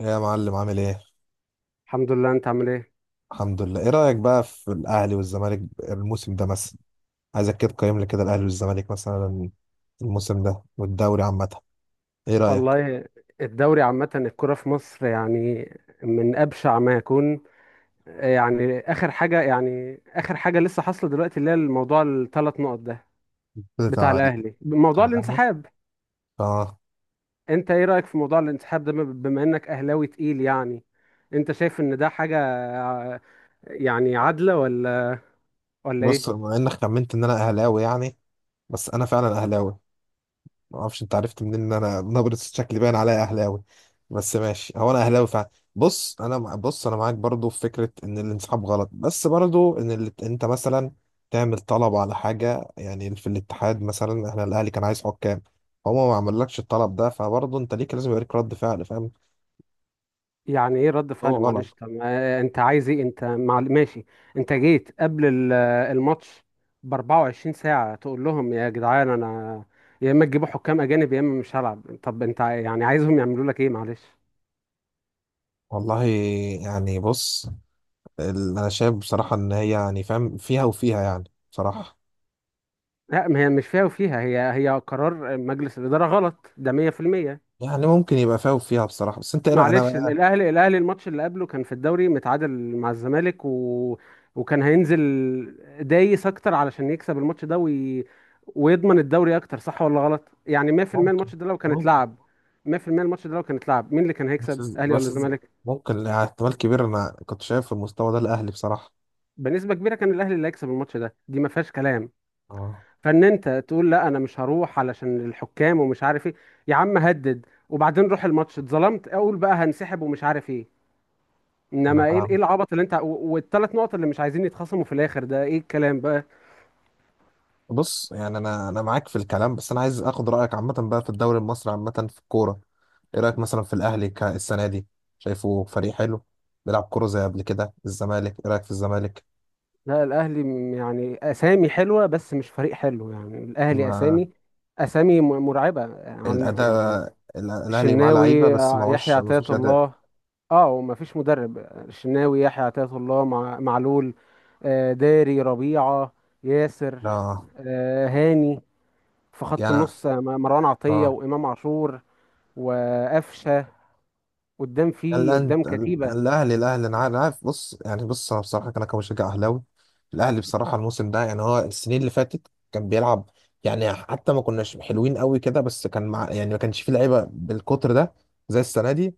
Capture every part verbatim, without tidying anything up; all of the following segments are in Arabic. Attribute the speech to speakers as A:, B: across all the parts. A: يا معلم، عامل ايه؟
B: الحمد لله، انت عامل ايه؟
A: الحمد لله، ايه رأيك بقى في الأهلي والزمالك الموسم ده مثلا؟ عايزك كده تقيم لي كده الأهلي والزمالك مثلا الموسم ده والدوري عامة، ايه رأيك؟
B: والله، الدوري عامة الكرة في مصر يعني من أبشع ما يكون. يعني آخر حاجة، يعني آخر حاجة لسه حاصلة دلوقتي اللي هي الموضوع الثلاث نقط ده بتاع
A: بتاع
B: الأهلي موضوع
A: بتاع الأهلي؟
B: الانسحاب.
A: اه.
B: انت ايه رأيك في موضوع الانسحاب ده؟ بم- بما انك أهلاوي تقيل يعني. انت شايف ان ده حاجة يعني عادلة، ولا ولا
A: بص،
B: ايه؟
A: بما إنك خمنت إن أنا أهلاوي يعني، بس أنا فعلا أهلاوي. ما اعرفش انت عرفت منين ان انا نبرة شكلي باين عليا اهلاوي، بس ماشي، هو انا اهلاوي فعلا. بص، انا مع- بص انا معاك برضو في فكرة ان الانسحاب غلط، بس برضو ان ال... انت مثلا تعمل طلب على حاجة، يعني في الاتحاد مثلا احنا الاهلي كان عايز حكام، فهو ما عملكش الطلب ده، فبرضو انت ليك لازم يوريك رد فعل، فاهم.
B: يعني ايه رد
A: هو
B: فعل؟
A: غلط.
B: معلش، طب ما انت عايز ايه؟ انت مع... ماشي. انت جيت قبل ال- الماتش ب 24 ساعة تقول لهم يا جدعان، انا يا اما تجيبوا حكام اجانب يا اما مش هلعب. طب انت ع- يعني عايزهم يعملوا لك ايه؟ معلش.
A: والله يعني، بص، ال... انا شايف بصراحة ان هي يعني فاهم، فيها وفيها يعني، بصراحة.
B: لا، ما هي مش فيها وفيها، هي هي قرار مجلس الإدارة، غلط ده مية في المية.
A: يعني ممكن يبقى فيها وفيها بصراحة، بس انت ايه رأيك؟
B: معلش،
A: انا
B: الاهلي الاهلي الماتش اللي قبله كان في الدوري متعادل مع الزمالك و... وكان هينزل دايس اكتر علشان يكسب الماتش ده وي... ويضمن الدوري اكتر. صح ولا غلط؟ يعني مية في المية
A: ممكن
B: الماتش ده لو كان
A: ممكن
B: اتلعب، مية في المية الماتش ده لو كان اتلعب، مين اللي كان
A: بس
B: هيكسب؟ اهلي ولا
A: بس
B: الزمالك؟
A: ممكن، احتمال كبير انا كنت شايف في المستوى ده الاهلي بصراحه.
B: بنسبة كبيرة كان الاهلي اللي هيكسب الماتش ده، دي ما فيهاش كلام.
A: اه،
B: فان انت تقول لا انا مش هروح علشان الحكام ومش عارف ايه، يا عم هدد وبعدين روح الماتش. اتظلمت، اقول بقى هنسحب ومش عارف ايه.
A: انا
B: انما ايه؟ ايه
A: فاهم.
B: العبط اللي انت والثلاث نقط اللي مش عايزين يتخصموا في الاخر ده؟ ايه الكلام بقى؟
A: بص يعني انا انا معاك في الكلام، بس انا عايز اخد رايك عامه بقى في الدوري المصري عامه، في الكوره. ايه رايك مثلا في الاهلي ك- السنه دي؟ شايفه فريق حلو بيلعب كوره زي قبل كده؟ الزمالك، ايه رايك في الزمالك؟
B: لا، الاهلي م- يعني اسامي حلوه بس مش فريق حلو. يعني الاهلي
A: ما
B: اسامي، اسامي م- مرعبه عن يعني.
A: الاداء، ال- الاهلي معاه لعيبه
B: الشناوي،
A: بس
B: آه، يحيى
A: معهوش، ما
B: عطية
A: فيش اداء.
B: الله. اه، وما فيش مدرب. الشناوي، يحيى عطية الله، مع معلول، آه، داري، ربيعه، ياسر،
A: لا،
B: آه، هاني. في خط
A: يعني
B: النص، آه، مروان عطيه
A: اه.
B: وامام عاشور وقفشه. قدام، في قدام
A: الأنت
B: كتيبه.
A: الأهلي الأهلي أنا عارف أنا عارف. بص يعني، بص أنا بصراحة أنا كمشجع أهلاوي، الأهلي بصراحة الموسم ده يعني، هو السنين اللي فاتت كان بيلعب، يعني حتى ما كناش حلوين قوي كده، بس كان مع يعني ما كانش فيه لعيبة بالقطر ده زي السنة دي،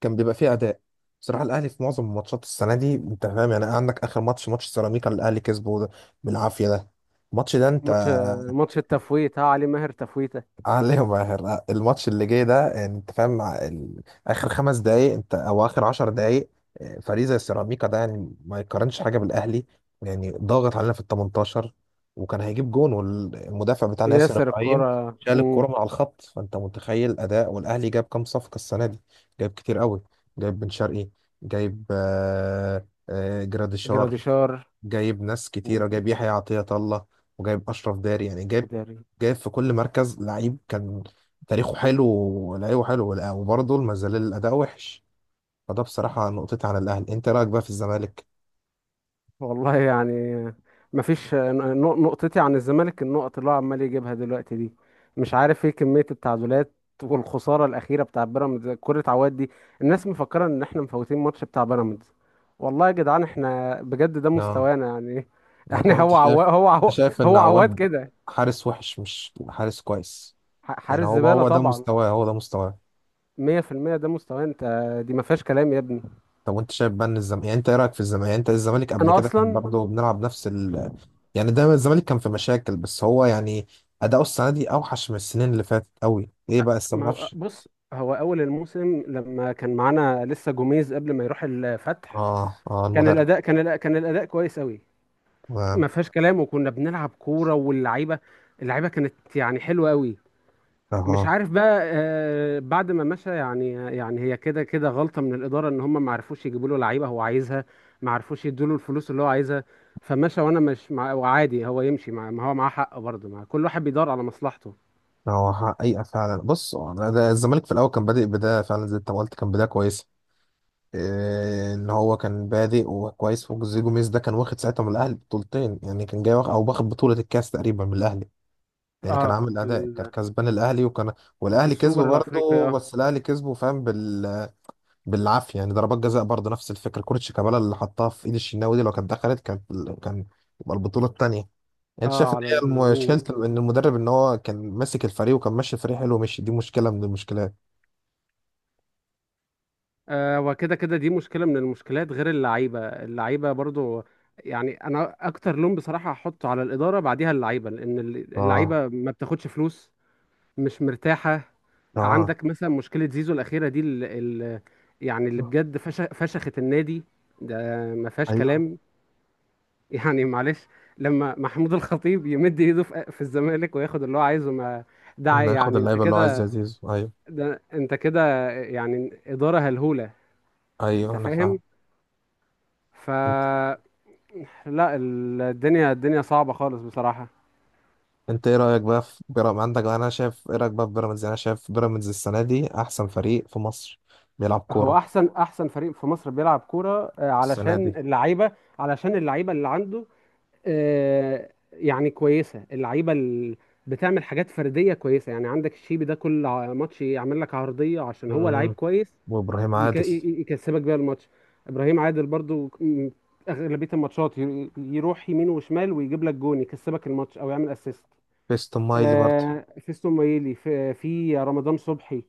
A: كان بيبقى فيه أداء. بصراحة الأهلي في معظم ماتشات السنة دي أنت فاهم يعني، عندك آخر ماتش ماتش سيراميكا اللي الأهلي كسبه ده بالعافية ده، الماتش ده أنت
B: ماتش، ماتش التفويت ها، علي ماهر تفويته.
A: عليهم، اخر الماتش اللي جاي ده يعني، انت فاهم، مع ال... اخر خمس دقايق انت او اخر عشر دقايق. آه، فريق زي سيراميكا ده يعني ما يقارنش حاجه بالاهلي، يعني ضاغط علينا في ال تمنتاشر، وكان هيجيب جون، والمدافع بتاعنا ياسر
B: ياسر
A: ابراهيم
B: الكرة،
A: شال الكرة
B: مم.
A: من على الخط، فانت متخيل الاداء. والاهلي جاب كام صفقه السنه دي؟ جايب كتير قوي، جايب بن شرقي، جايب آه، آه، جراديشار،
B: جراديشار.
A: جايب ناس كتيرة،
B: مم.
A: جايب يحيى عطية الله، وجايب أشرف داري، يعني جايب،
B: وداري.
A: جايب في كل مركز لعيب كان تاريخه حلو ولعيبه حلو، ولا- وبرضه ما زال الأداء وحش. فده بصراحة نقطتي عن الأهلي. أنت رأيك بقى في الزمالك؟
B: والله يعني، مفيش نق- نقطتي عن الزمالك. النقط اللي هو عمال يجيبها دلوقتي دي مش عارف ايه كمية التعادلات، والخسارة الأخيرة بتاع بيراميدز كرة عواد دي. الناس مفكرة إن إحنا مفوتين ماتش بتاع بيراميدز. والله يا جدعان إحنا بجد ده
A: لا،
B: مستوانا يعني.
A: يعني هو
B: يعني
A: أنت
B: هو
A: شايف،
B: عواد، هو
A: أنت
B: عواد
A: شايف إن
B: هو عواد
A: عواد
B: كده.
A: حارس وحش، مش حارس كويس.
B: ح-
A: يعني
B: حارس
A: هو
B: زبالة
A: هو ده
B: طبعا.
A: مستواه، هو ده مستواه.
B: مية في المية ده مستواه، انت دي ما فيهاش كلام يا ابني.
A: طب وانت شايف بقى ان الزمالك، يعني انت ايه رايك في الزمالك؟ يعني انت الزمالك قبل
B: انا
A: كده كان
B: اصلا.
A: برضه بنلعب نفس ال... يعني دايما الزمالك كان في مشاكل، بس هو يعني اداؤه السنه دي اوحش من السنين اللي فاتت قوي. ايه بقى لسه ما
B: ما
A: تعرفش؟
B: بص، هو اول الموسم لما كان معانا لسه جوميز قبل ما يروح الفتح،
A: اه، اه
B: كان
A: المدرب.
B: الاداء كان الأ- كان الاداء كويس قوي،
A: تمام.
B: ما فيهاش كلام. وكنا بنلعب كورة، واللعيبة، اللعيبة كانت يعني حلوة قوي. مش
A: اه،
B: عارف بقى، آه، بعد ما مشى يعني. يعني هي كده كده غلطة من الإدارة إن هم ما عرفوش يجيبوا له لعيبة هو عايزها، ما عرفوش يدوا له الفلوس اللي هو عايزها، فمشى. وأنا مش مع، وعادي هو يمشي، مع ما هو معاه حق برضه، مع كل واحد بيدور على مصلحته.
A: آه، هو حقيقه فعلا، بص هو أنا- ده الزمالك في الاول كان بادئ بدايه فعلا زي ما انت ما قلت، كان بدايه كويسه. إيه ان هو كان بادئ وكويس، وجوزيه جوميز ده كان واخد ساعتها من الاهلي بطولتين، يعني كان جاي واخد او واخد بطوله الكاس تقريبا من الاهلي، يعني كان
B: اه
A: عامل اداء، كان
B: ال...
A: كسبان الاهلي، وكان،
B: في
A: والاهلي كسبه
B: السوبر الأفريقي،
A: برضه،
B: اه.
A: بس الاهلي كسبه فاهم بال... بالعافيه، يعني ضربات جزاء برضه نفس الفكره، كره شيكابالا اللي حطها في ايد الشناوي دي لو كانت دخلت كانت، كان يبقى البطوله الثانيه يعني. انت شايف
B: اه
A: ان
B: على
A: هي
B: ال...
A: الم-
B: مم.
A: مشكله، ان المدرب ان هو كان ماسك الفريق وكان ماشي الفريق حلو ماشي، دي مشكله من المشكلات.
B: آه، وكده كده دي مشكلة من المشكلات، غير اللعيبة. اللعيبة برضه يعني، أنا أكتر لوم بصراحة هحطه على الإدارة، بعديها اللعيبة، لأن
A: اه.
B: اللعيبة ما بتاخدش فلوس. مش مرتاحة.
A: اه
B: عندك مثلا مشكلة زيزو الأخيرة دي، ال ال يعني اللي بجد فش فشخت النادي ده، ما فيهاش
A: ايوه،
B: كلام. يعني معلش، لما محمود الخطيب يمد ايده في في الزمالك وياخد اللي هو عايزه، ما ده
A: ناخد
B: يعني انت
A: اللعيبه اللي هو عايز
B: كده،
A: زي زيزو، ايوه.
B: ده انت كده يعني إدارة هلهولة. انت
A: ايوه، انا
B: فاهم؟
A: فاهم.
B: ف، لا، ال- الدنيا، الدنيا صعبة خالص بصراحة.
A: انت ايه رايك بقى في بيراميدز؟ عندك انا شايف، ايه رايك بقى في بيراميدز؟ يعني انا شايف بيراميدز السنه دي احسن فريق في مصر بيلعب
B: هو
A: كوره
B: احسن، احسن فريق في مصر بيلعب كورة، آه،
A: السنه
B: علشان
A: دي.
B: اللعيبة، علشان اللعيبة اللي عنده. آه، يعني كويسه اللعيبه ال- بتعمل حاجات فرديه كويسه. يعني عندك الشيبي ده كل ع- ماتش يعمل لك عرضيه، عشان هو لعيب
A: مم.
B: كويس.
A: وابراهيم
B: يك- ي-
A: عادل،
B: ي- يكسبك بيها الماتش. ابراهيم عادل برضو ك- م- اغلبيه الماتشات ي- يروح يمين وشمال ويجيب لك جون، يكسبك الماتش او يعمل اسيست.
A: فيستون مايلي برضه.
B: آه، فيستون مايلي، في في رمضان صبحي،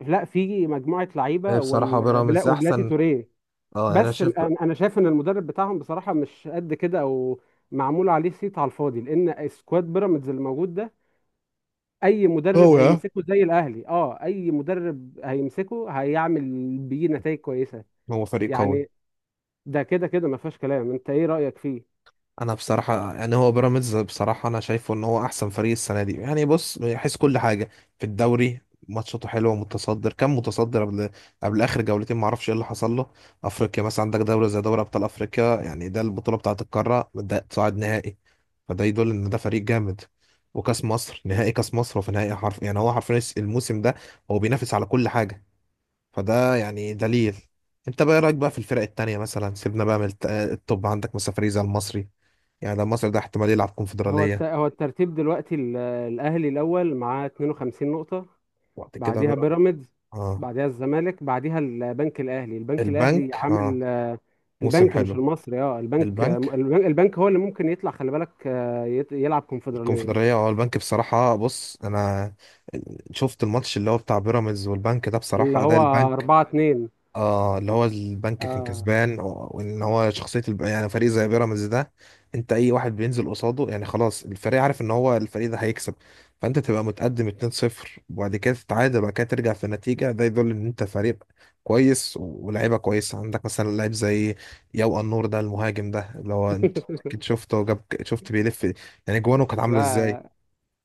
B: لا في مجموعه
A: ايه،
B: لعيبه
A: بصراحه
B: وال- بلا-
A: بيراميدز
B: وبلاتي
A: احسن.
B: توريه.
A: اه انا
B: بس
A: شايف.
B: ال- انا أنا شايف ان المدرب بتاعهم بصراحه مش قد كده، او معمول عليه صيت على الفاضي، لان سكواد بيراميدز اللي موجود ده اي مدرب
A: قوي ها،
B: هيمسكه زي الاهلي. اه، اي مدرب هيمسكه هيعمل بيه نتائج كويسه
A: هو فريق قوي.
B: يعني. ده كده كده ما فيهاش كلام. انت ايه رايك فيه؟
A: انا بصراحه يعني هو بيراميدز بصراحه، انا شايفه ان هو احسن فريق السنه دي يعني، بص من حيث كل حاجه، في الدوري ماتشاته حلوه متصدر، كان متصدر قبل قبل اخر جولتين ما اعرفش ايه اللي حصل له. افريقيا مثلا، عندك دوله زي دوري ابطال افريقيا، يعني ده البطوله بتاعه القاره، ده صاعد نهائي، فده يدل ان ده فريق جامد. وكاس مصر، نهائي كاس مصر، وفي نهائي، حرف يعني هو حرفيا الموسم ده هو بينافس على كل حاجه، فده يعني دليل. انت بقى إيه رايك بقى في الفرق التانية؟ مثلا سيبنا بقى من الت- التوب، عندك مثلا فريق زي المصري، يعني مصر ده احتمال يلعب
B: هو الت...
A: كونفدرالية.
B: هو الترتيب دلوقتي، ال- الاهلي الاول معاه اتنين وخمسين نقطة نقطه،
A: وبعد كده
B: بعديها
A: بقى؟
B: بيراميدز،
A: اه،
B: بعديها الزمالك، بعديها البنك الاهلي. البنك الاهلي
A: البنك، اه
B: عامل،
A: موسم
B: البنك مش
A: حلو.
B: المصري. اه البنك،
A: البنك،
B: البنك البنك هو اللي ممكن يطلع، خلي بالك، آه، يت- يلعب كونفدرالية.
A: الكونفدرالية، اه البنك بصراحة، بص انا شفت الماتش اللي هو بتاع بيراميدز والبنك ده،
B: اللي
A: بصراحة
B: هو
A: ده البنك،
B: أربعة اتنين،
A: اه اللي هو البنك كان
B: اه.
A: كسبان، و- وان هو شخصيه الب... يعني فريق زي بيراميدز ده، انت اي واحد بينزل قصاده يعني خلاص، الفريق عارف ان هو الفريق ده هيكسب، فانت تبقى متقدم اتنين صفر وبعد كده تتعادل وبعد كده ترجع في النتيجه، ده يدل ان انت فريق كويس و- ولاعيبه كويسه. عندك مثلا لاعب زي يو النور ده، المهاجم ده اللي هو انت اكيد شفته وجاب، شفت بيلف يعني، جوانه كانت عامله ازاي.
B: لا،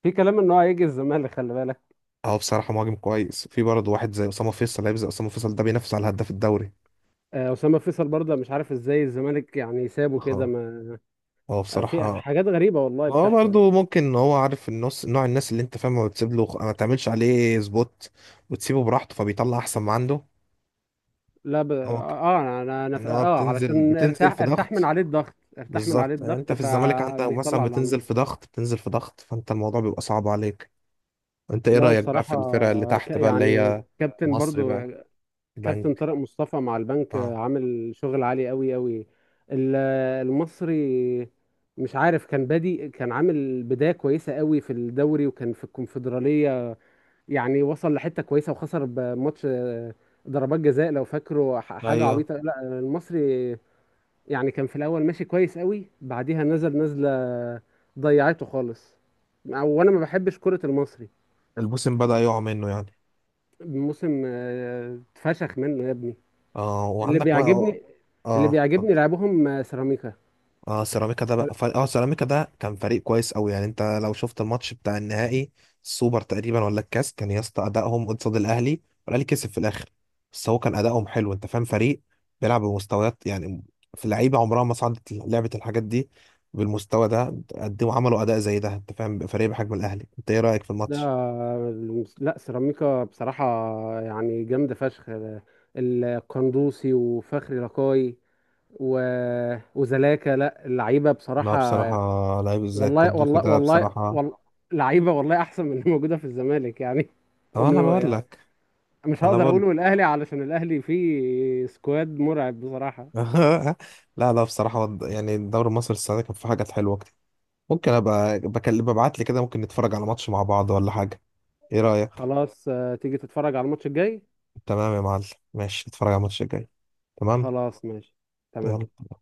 B: في كلام ان هو هيجي الزمالك، خلي بالك.
A: اه بصراحه مهاجم كويس، في برضه واحد زي اسامه فيصل، لاعب زي اسامه فيصل ده بينافس على هداف الدوري.
B: آه، اسامه فيصل برضه مش عارف ازاي الزمالك يعني سابه كده،
A: اه.
B: ما
A: هو
B: آه، في في
A: بصراحه،
B: حاجات غريبه والله
A: هو
B: بتحصل.
A: برضه ممكن إن هو عارف النص، نوع الناس اللي انت فاهمه وتسيب له ما تعملش عليه سبوت وتسيبه براحته، فبيطلع احسن ما عنده.
B: لا ب...
A: هو ك-
B: اه انا انا أنا ف...
A: ان هو
B: اه
A: بتنزل
B: علشان
A: بتنزل
B: ارتاح،
A: في
B: ارتاح من
A: ضغط.
B: عليه الضغط، ارتاح من عليه
A: بالظبط، يعني
B: الضغط،
A: انت في الزمالك عندك مثلا
B: فبيطلع اللي عنده.
A: بتنزل في ضغط، بتنزل في ضغط، فانت الموضوع بيبقى صعب عليك. انت ايه
B: لا
A: رأيك بقى في
B: وبصراحه،
A: الفرق اللي
B: ك...
A: تحت بقى؟ اللي
B: يعني
A: هي
B: كابتن
A: مصري
B: برضه،
A: بقى،
B: كابتن
A: البنك.
B: طارق مصطفى مع البنك
A: اه.
B: عامل شغل عالي قوي قوي. ال- المصري مش عارف، كان بادي، كان عامل بداية كويسة قوي في الدوري، وكان في الكونفدرالية يعني وصل لحتة كويسة، وخسر بماتش آه، ضربات جزاء لو فاكره، ح- حاجة
A: ايوه،
B: عبيطة. لا المصري يعني كان في الأول ماشي كويس قوي، بعديها نزل نزلة ضيعته خالص. وانا ما بحبش كرة المصري.
A: البوسم بدأ يقع منه يعني.
B: الموسم آه، اتفشخ منه يا ابني.
A: اه
B: اللي
A: وعندك بقى.
B: بيعجبني، اللي
A: اه
B: بيعجبني
A: اتفضل.
B: لعبهم سيراميكا
A: اه سيراميكا ده
B: ده.
A: بقى فريق، اه سيراميكا ده كان فريق كويس قوي يعني، انت لو شفت الماتش بتاع النهائي، السوبر تقريبا ولا الكاس، كان يا اسطى ادائهم قصاد الاهلي والاهلي كسب في الاخر، بس هو كان ادائهم حلو. انت فاهم فريق بيلعب بمستويات يعني، في لعيبه عمرها ما صعدت لعبه الحاجات دي بالمستوى ده، قدموا عملوا اداء زي ده، انت فاهم فريق بحجم الاهلي. انت ايه رايك في الماتش؟
B: لا سيراميكا بصراحة يعني جامدة فشخ. القندوسي، وفخري لقاي، و... وزلاكا، لا اللعيبة بصراحة.
A: لا، بصراحه لعيب زي
B: والله
A: القندوسي
B: والله
A: ده
B: والله
A: بصراحه.
B: والله، لعيبة والله أحسن من اللي موجودة في الزمالك يعني،
A: اه، انا
B: ومن
A: بقول
B: يعني
A: لك.
B: مش
A: انا
B: هقدر
A: بقول.
B: أقوله الأهلي علشان الأهلي فيه سكواد مرعب بصراحة.
A: لا لا، بصراحه يعني الدوري المصري السنه دي كان في حاجات حلوه. ممكن ابقى بكلم، ببعت لي كده ممكن نتفرج على ماتش مع بعض، ولا حاجه، ايه رايك؟
B: خلاص، آه، تيجي تتفرج على الماتش الجاي.
A: تمام يا معلم. ماشي، نتفرج على الماتش الجاي. تمام.
B: خلاص ماشي، تمام.
A: يلا.